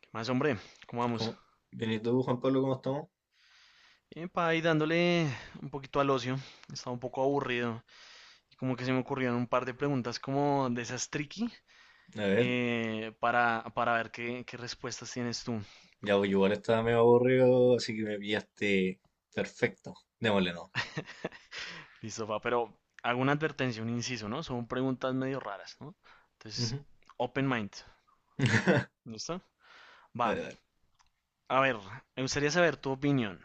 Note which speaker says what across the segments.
Speaker 1: ¿Qué más, hombre? ¿Cómo vamos?
Speaker 2: ¿Cómo? Bien, ¿y tú, Juan Pablo, cómo estamos?
Speaker 1: Bien, pa, ahí dándole un poquito al ocio. Estaba un poco aburrido. Y como que se me ocurrieron un par de preguntas como de esas tricky
Speaker 2: A ver,
Speaker 1: para, ver qué, respuestas tienes tú.
Speaker 2: ya voy, igual estaba medio aburrido, así que me pillaste perfecto. Démosle no.
Speaker 1: Listo, pa, pero hago una advertencia, un inciso, ¿no? Son preguntas medio raras, ¿no? Entonces,
Speaker 2: Ujú.
Speaker 1: open mind. ¿Listo? Va.
Speaker 2: Dale, dale.
Speaker 1: A ver, me gustaría saber tu opinión.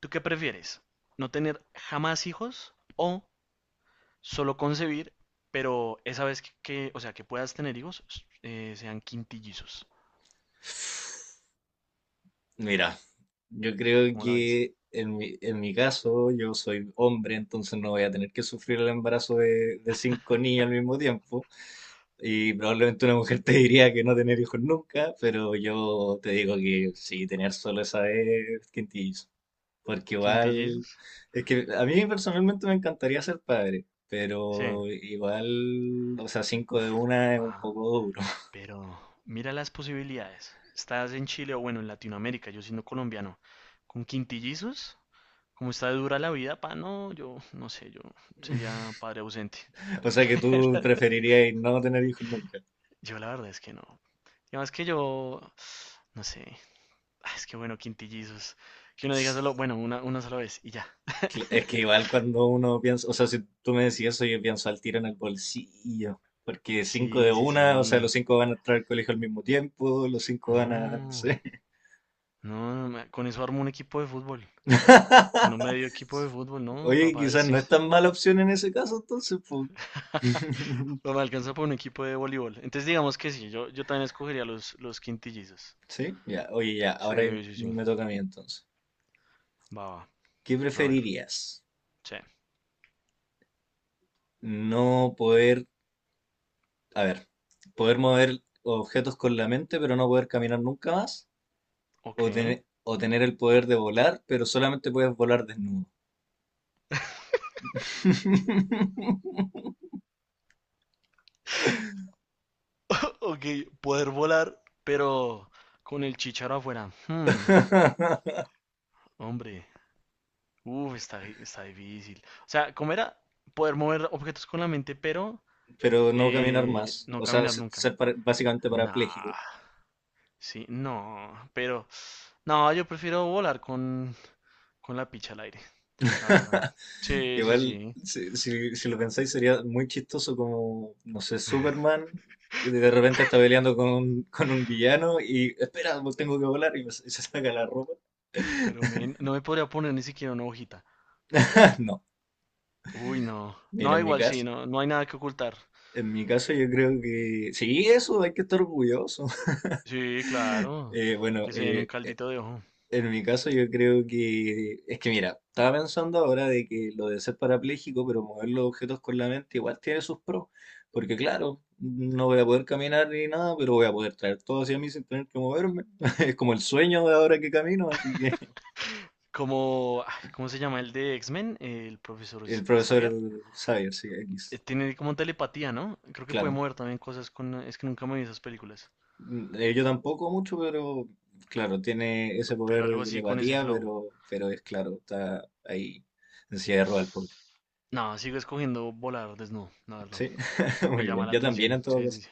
Speaker 1: ¿Tú qué prefieres? ¿No tener jamás hijos o solo concebir, pero esa vez que, o sea, que puedas tener hijos, sean quintillizos.
Speaker 2: Mira, yo creo
Speaker 1: ¿Cómo la ves?
Speaker 2: que en mi caso, yo soy hombre, entonces no voy a tener que sufrir el embarazo de cinco niños al mismo tiempo. Y probablemente una mujer te diría que no tener hijos nunca, pero yo te digo que sí, tener solo esa vez, quintillo. Porque igual,
Speaker 1: ¿Quintillizos?
Speaker 2: es que a mí personalmente me encantaría ser padre,
Speaker 1: Sí.
Speaker 2: pero igual, o sea, cinco de
Speaker 1: Uf,
Speaker 2: una es un
Speaker 1: papá.
Speaker 2: poco duro.
Speaker 1: Pero mira las posibilidades. Estás en Chile o, bueno, en Latinoamérica, yo siendo colombiano. Con quintillizos, como está de dura la vida, pa, no, yo no sé, yo sería padre ausente.
Speaker 2: O sea que tú preferirías no tener hijos nunca.
Speaker 1: Yo la verdad es que no. Y además que yo, no sé, ah, es que bueno, quintillizos. Que uno diga solo, bueno, una, sola vez y ya.
Speaker 2: Es que igual cuando uno piensa, o sea, si tú me decís eso, yo pienso al tiro en el bolsillo. Porque cinco de
Speaker 1: Sí, sí,
Speaker 2: una, o sea,
Speaker 1: sí.
Speaker 2: los cinco van a entrar al colegio al mismo tiempo, los cinco van a, no
Speaker 1: No,
Speaker 2: sé.
Speaker 1: no, no, con eso armo un equipo de fútbol. Bueno, medio equipo de fútbol, no,
Speaker 2: Oye,
Speaker 1: papá,
Speaker 2: quizás
Speaker 1: sí.
Speaker 2: no es tan mala opción en ese caso, entonces, pues.
Speaker 1: No me alcanza por un equipo de voleibol. Entonces digamos que sí, yo, también escogería los, quintillizos.
Speaker 2: Sí, ya, oye, ya, ahora
Speaker 1: Sí, sí, sí.
Speaker 2: me toca a mí entonces.
Speaker 1: Va, va.
Speaker 2: ¿Qué
Speaker 1: A ver.
Speaker 2: preferirías?
Speaker 1: Sí.
Speaker 2: No poder, a ver, poder mover objetos con la mente, pero no poder caminar nunca más,
Speaker 1: Ok.
Speaker 2: o tener el poder de volar, pero solamente puedes volar desnudo.
Speaker 1: Ok, poder volar, pero con el chicharo afuera. Hombre. Uf, está difícil. O sea, ¿cómo era? Poder mover objetos con la mente, pero
Speaker 2: Pero no caminar más,
Speaker 1: no
Speaker 2: o sea,
Speaker 1: caminar nunca.
Speaker 2: ser básicamente
Speaker 1: Nah.
Speaker 2: parapléjico.
Speaker 1: Sí, no, pero no, yo prefiero volar con, la picha al aire, la verdad. Sí, sí,
Speaker 2: Igual,
Speaker 1: sí.
Speaker 2: si lo pensáis, sería muy chistoso como, no sé, Superman de repente está peleando con un villano y espera, pues tengo que volar y se saca la ropa.
Speaker 1: Uf, pero men, no me podría poner ni siquiera una hojita.
Speaker 2: No,
Speaker 1: Uy, no.
Speaker 2: mira,
Speaker 1: No,
Speaker 2: en mi
Speaker 1: igual sí,
Speaker 2: caso,
Speaker 1: no, no hay nada que ocultar.
Speaker 2: en mi caso yo creo que sí, eso hay que estar orgulloso.
Speaker 1: Sí, claro.
Speaker 2: Eh, bueno,
Speaker 1: Que se den un
Speaker 2: eh,
Speaker 1: caldito de ojo.
Speaker 2: En mi caso, yo creo que es que mira, estaba pensando ahora de que lo de ser parapléjico, pero mover los objetos con la mente igual tiene sus pros, porque claro, no voy a poder caminar ni nada, pero voy a poder traer todo hacia mí sin tener que moverme. Es como el sueño de ahora que camino, así que
Speaker 1: Como, ay, ¿cómo se llama el de X-Men? El profesor
Speaker 2: el profesor
Speaker 1: Xavier.
Speaker 2: Xavier, sí, X,
Speaker 1: Tiene como telepatía, ¿no? Creo que puede
Speaker 2: claro.
Speaker 1: mover también cosas con... Es que nunca me vi esas películas.
Speaker 2: Yo tampoco mucho, pero claro, tiene ese
Speaker 1: Pero
Speaker 2: poder de
Speaker 1: algo así con ese
Speaker 2: telepatía,
Speaker 1: flow.
Speaker 2: pero es claro, está ahí en silla de ruedas el pobre.
Speaker 1: No, sigo escogiendo volar desnudo, la verdad.
Speaker 2: Sí,
Speaker 1: Me
Speaker 2: muy
Speaker 1: llama
Speaker 2: bien.
Speaker 1: la
Speaker 2: Yo también
Speaker 1: atención.
Speaker 2: en todo
Speaker 1: Sí, sí,
Speaker 2: caso.
Speaker 1: sí.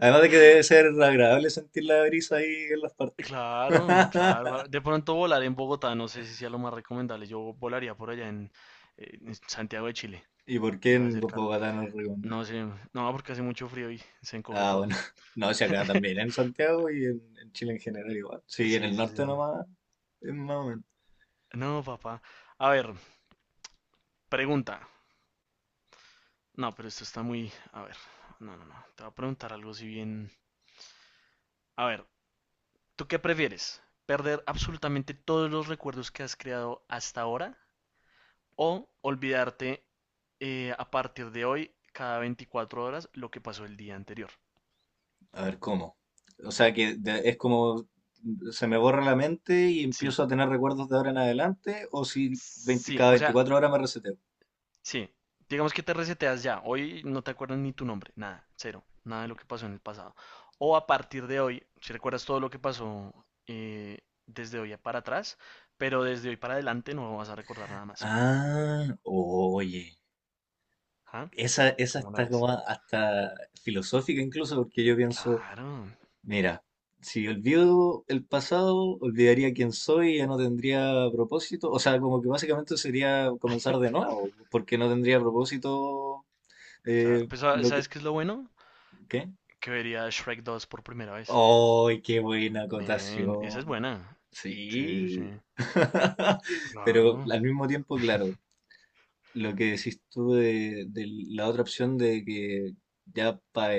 Speaker 2: Además de que debe ser agradable sentir la brisa ahí en las partes.
Speaker 1: Claro, claro. De pronto volar en Bogotá, no sé si sea lo más recomendable. Yo volaría por allá en Santiago de Chile.
Speaker 2: ¿Y por qué
Speaker 1: Debe
Speaker 2: en
Speaker 1: hacer calor.
Speaker 2: Bogotá no es
Speaker 1: No
Speaker 2: recomendable?
Speaker 1: sé, no, porque hace mucho frío y se encoge
Speaker 2: Ah,
Speaker 1: todo.
Speaker 2: bueno. No, si acá también, en Santiago y en Chile en general igual. Sí, en
Speaker 1: Sí,
Speaker 2: el
Speaker 1: sí, sí,
Speaker 2: norte
Speaker 1: no, no.
Speaker 2: nomás, es más o menos.
Speaker 1: No, papá. A ver, pregunta. No, pero esto está muy... A ver, no, no, no. Te voy a preguntar algo si bien... A ver, ¿tú qué prefieres? ¿Perder absolutamente todos los recuerdos que has creado hasta ahora o olvidarte, a partir de hoy, cada 24 horas, lo que pasó el día anterior?
Speaker 2: A ver, ¿cómo? O sea que es como se me borra la mente y
Speaker 1: Sí,
Speaker 2: empiezo a tener recuerdos de ahora en adelante, o si veinte
Speaker 1: sí,
Speaker 2: cada
Speaker 1: o sea,
Speaker 2: veinticuatro horas me reseteo.
Speaker 1: sí. Digamos que te reseteas ya. Hoy no te acuerdas ni tu nombre, nada, cero, nada de lo que pasó en el pasado. O a partir de hoy, si recuerdas todo lo que pasó, eh, desde hoy para atrás, pero desde hoy para adelante no vas a recordar nada más.
Speaker 2: Ah, oye,
Speaker 1: ¿Ah?
Speaker 2: esa
Speaker 1: ¿Cómo lo
Speaker 2: está
Speaker 1: ves?
Speaker 2: como hasta filosófica incluso, porque yo pienso,
Speaker 1: Claro,
Speaker 2: Mira, si olvido el pasado, olvidaría quién soy y ya no tendría propósito. O sea, como que básicamente sería comenzar de nuevo, porque no tendría propósito
Speaker 1: claro. Pues,
Speaker 2: lo que...
Speaker 1: ¿sabes qué es lo bueno?
Speaker 2: ¿Qué?
Speaker 1: Que vería Shrek 2 por primera vez.
Speaker 2: ¡Ay, qué buena
Speaker 1: Men, esa es
Speaker 2: acotación!
Speaker 1: buena. Sí, sí,
Speaker 2: Sí.
Speaker 1: sí.
Speaker 2: Pero
Speaker 1: Claro.
Speaker 2: al mismo tiempo, claro, lo que decís tú de la otra opción de que ya para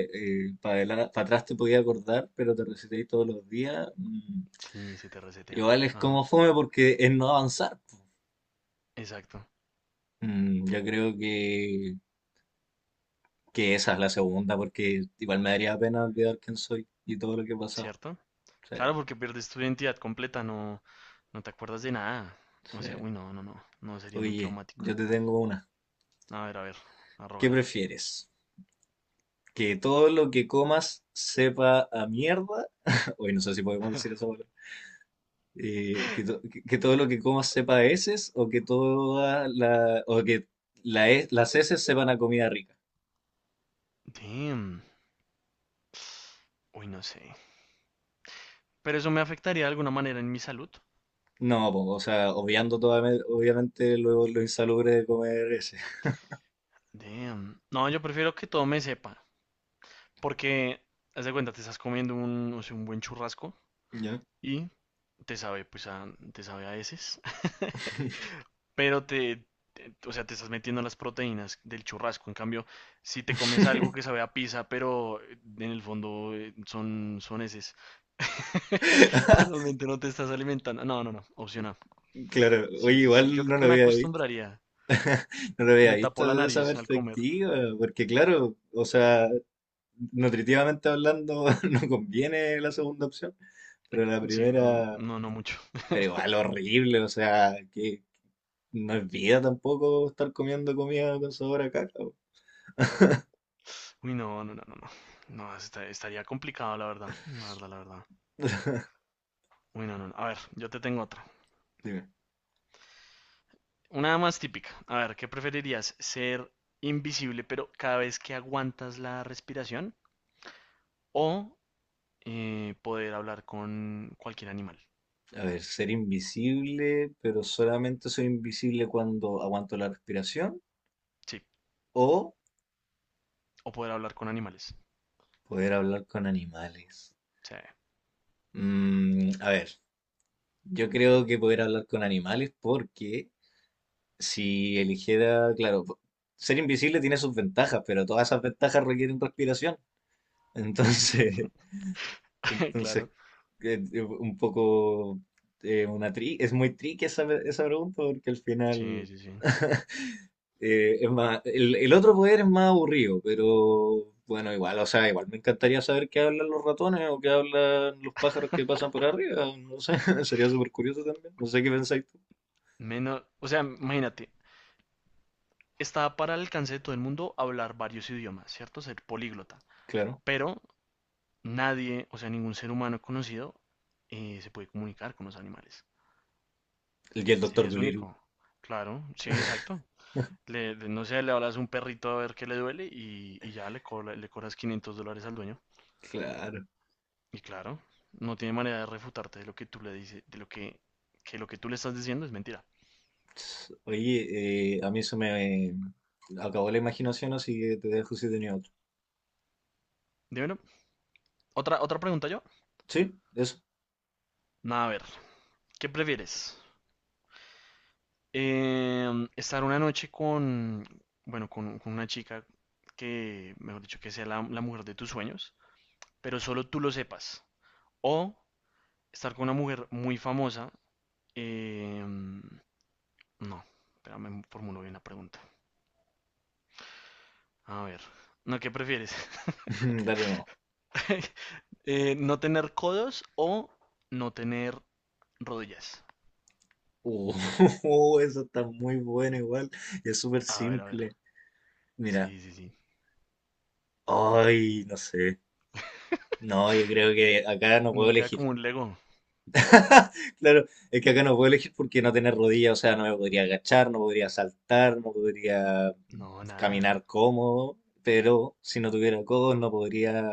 Speaker 2: atrás te podías acordar, pero te reseteáis todos los días.
Speaker 1: Sí, se te resetea.
Speaker 2: Igual es
Speaker 1: Ajá.
Speaker 2: como fome porque es no avanzar, po.
Speaker 1: Exacto.
Speaker 2: Yo creo que esa es la segunda, porque igual me daría pena olvidar quién soy y todo lo que he pasado.
Speaker 1: ¿Cierto?
Speaker 2: Sí,
Speaker 1: Claro, porque pierdes tu identidad completa, no, no te acuerdas de nada. O sea,
Speaker 2: sí.
Speaker 1: uy, no, no, no. No sería muy
Speaker 2: Oye,
Speaker 1: traumático.
Speaker 2: yo te tengo una.
Speaker 1: A ver, a ver.
Speaker 2: ¿Qué
Speaker 1: Arróbala.
Speaker 2: prefieres? ¿Que todo lo que comas sepa a mierda? Hoy no sé si podemos decir eso palabra. Que todo lo que comas sepa a heces o que las heces sepan a comida rica.
Speaker 1: Damn. Uy, no sé. Pero eso me afectaría de alguna manera en mi salud.
Speaker 2: No, po, o sea, obviamente lo insalubre de comer ese.
Speaker 1: Damn. No, yo prefiero que todo me sepa. Porque, haz de cuenta, te estás comiendo un, o sea, un buen churrasco
Speaker 2: ¿Ya?
Speaker 1: y te sabe, pues, a, te sabe a veces. Pero te, o sea, te estás metiendo las proteínas del churrasco. En cambio, si te comes algo que sabe a pizza, pero en el fondo son, heces, pues realmente no te estás alimentando. No, no, no, opción A.
Speaker 2: Claro, oye,
Speaker 1: Sí, sí, sí. Yo
Speaker 2: igual
Speaker 1: creo
Speaker 2: no lo
Speaker 1: que me
Speaker 2: había visto,
Speaker 1: acostumbraría.
Speaker 2: no lo había
Speaker 1: Me tapó
Speaker 2: visto
Speaker 1: la
Speaker 2: desde esa
Speaker 1: nariz al comer.
Speaker 2: perspectiva, porque claro, o sea, nutritivamente hablando no conviene la segunda opción, pero la
Speaker 1: Sí, no,
Speaker 2: primera,
Speaker 1: no, no mucho.
Speaker 2: pero igual horrible, o sea, que no es vida tampoco estar comiendo comida con sabor a caca, po.
Speaker 1: Uy, no, no, no, no, no. No, estaría complicado, la verdad. La verdad, la verdad. Uy, no, no. No. A ver, yo te tengo otra. Una más típica. A ver, ¿qué preferirías? ¿Ser invisible, pero cada vez que aguantas la respiración? ¿O poder hablar con cualquier animal?
Speaker 2: A ver, ser invisible, pero solamente soy invisible cuando aguanto la respiración
Speaker 1: Sí,
Speaker 2: o
Speaker 1: o poder hablar con animales.
Speaker 2: poder hablar con animales.
Speaker 1: Sí.
Speaker 2: A ver, yo creo que poder hablar con animales porque si eligiera, claro, ser invisible tiene sus ventajas, pero todas esas ventajas requieren respiración. Entonces, entonces
Speaker 1: Claro.
Speaker 2: un poco una tri es muy tricky esa pregunta porque al
Speaker 1: Sí,
Speaker 2: final
Speaker 1: sí, sí.
Speaker 2: Es más, el otro poder es más aburrido, pero bueno, igual, o sea, igual me encantaría saber qué hablan los ratones o qué hablan los pájaros que pasan por arriba. No sé, sería súper curioso también. No sé qué pensáis tú.
Speaker 1: Menos, o sea, imagínate, está para el alcance de todo el mundo hablar varios idiomas, ¿cierto? Ser políglota.
Speaker 2: Claro.
Speaker 1: Pero nadie, o sea, ningún ser humano conocido, se puede comunicar con los animales.
Speaker 2: Y el doctor
Speaker 1: Serías
Speaker 2: Dolittle.
Speaker 1: único. Claro, sí, exacto. Le- no sé, le hablas a un perrito a ver qué le duele, y ya le cobras $500 al dueño.
Speaker 2: Claro.
Speaker 1: Y claro, no tiene manera de refutarte de lo que tú le dices, de lo que lo que tú le estás diciendo es mentira.
Speaker 2: Oye, a mí se me acabó la imaginación, así que te dejo si tenía otro.
Speaker 1: Dímelo. Otra pregunta yo.
Speaker 2: ¿Sí? ¿Eso?
Speaker 1: Nada, a ver, ¿qué prefieres? Estar una noche con, bueno, con, una chica que, mejor dicho, que sea la mujer de tus sueños, pero solo tú lo sepas. O estar con una mujer muy famosa. Eh, no, espérame, formulo bien la pregunta. A ver, no, ¿qué prefieres?
Speaker 2: Dale, no.
Speaker 1: ¿No tener codos o no tener rodillas?
Speaker 2: Uh, eso está muy bueno igual. Y es súper
Speaker 1: A ver, a ver.
Speaker 2: simple. Mira.
Speaker 1: Sí, sí, sí.
Speaker 2: Ay, no sé. No, yo creo que acá no puedo
Speaker 1: No queda
Speaker 2: elegir.
Speaker 1: como un Lego.
Speaker 2: Claro, es que acá no puedo elegir porque no tener rodillas, o sea, no me podría agachar, no podría saltar, no podría mm,
Speaker 1: No, nada.
Speaker 2: caminar cómodo, pero si no tuviera codos no podría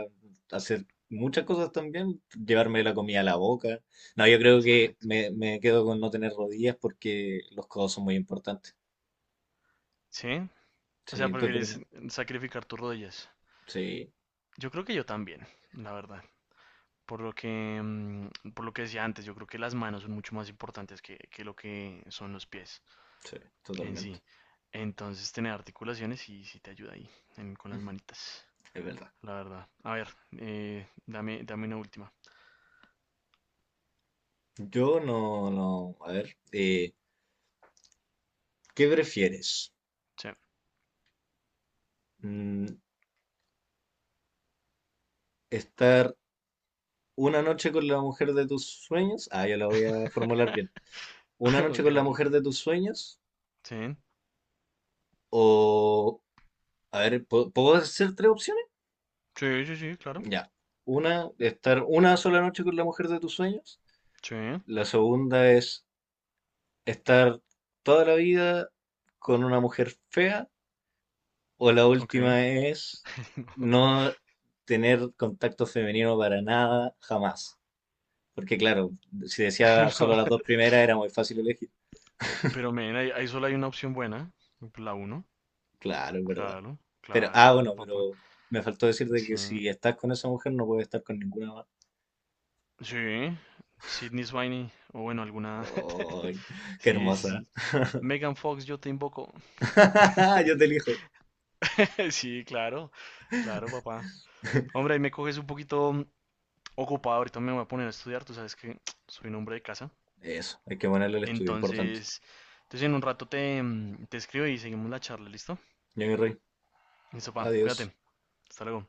Speaker 2: hacer muchas cosas también, llevarme la comida a la boca. No, yo creo que
Speaker 1: Exacto.
Speaker 2: me quedo con no tener rodillas porque los codos son muy importantes.
Speaker 1: ¿Sí? O sea,
Speaker 2: Sí, ¿tú qué
Speaker 1: prefieres
Speaker 2: opinas?
Speaker 1: sacrificar tus rodillas.
Speaker 2: Sí,
Speaker 1: Yo creo que yo también, la verdad. Por lo que decía antes, yo creo que las manos son mucho más importantes que, lo que son los pies.
Speaker 2: sí,
Speaker 1: En
Speaker 2: totalmente.
Speaker 1: sí. Entonces, tener articulaciones sí, sí te ayuda ahí, con las manitas,
Speaker 2: Es verdad.
Speaker 1: la verdad. A ver, dame, una última.
Speaker 2: Yo no, no, a ver, ¿qué prefieres?
Speaker 1: Sí.
Speaker 2: Mm, estar una noche con la mujer de tus sueños. Ah, ya la voy a formular bien. Una noche
Speaker 1: Ok,
Speaker 2: con la
Speaker 1: ok, ok.
Speaker 2: mujer de tus sueños.
Speaker 1: Sí.
Speaker 2: O, a ver, ¿puedo hacer tres opciones?
Speaker 1: Sí, sí, sí, claro.
Speaker 2: Ya. Una, estar una sola noche con la mujer de tus sueños.
Speaker 1: Sí.
Speaker 2: La segunda es estar toda la vida con una mujer fea. O la
Speaker 1: Ok.
Speaker 2: última es
Speaker 1: No.
Speaker 2: no tener contacto femenino para nada, jamás. Porque claro, si decía
Speaker 1: No.
Speaker 2: solo las dos primeras era muy fácil elegir.
Speaker 1: Pero, men, ahí, solo hay una opción buena. La uno.
Speaker 2: Claro, es verdad.
Speaker 1: Claro,
Speaker 2: Pero,
Speaker 1: claro,
Speaker 2: ah, bueno,
Speaker 1: claro, papá.
Speaker 2: pero me faltó decirte
Speaker 1: Sí.
Speaker 2: que si estás con esa mujer no puedes estar con ninguna más.
Speaker 1: Sí. Sydney Sweeney. O bueno, alguna.
Speaker 2: ¡Ay, qué
Speaker 1: Sí, sí,
Speaker 2: hermosa!
Speaker 1: sí. Megan Fox, yo te invoco.
Speaker 2: Yo te elijo.
Speaker 1: Sí, claro, claro, papá. Hombre, ahí me coges un poquito ocupado, ahorita me voy a poner a estudiar, tú sabes que soy un hombre de casa.
Speaker 2: Eso, hay que ponerle el estudio, importante.
Speaker 1: Entonces, en un rato te escribo y seguimos la charla, ¿listo?
Speaker 2: Johnny Rey,
Speaker 1: Listo, papá,
Speaker 2: adiós.
Speaker 1: cuídate, hasta luego.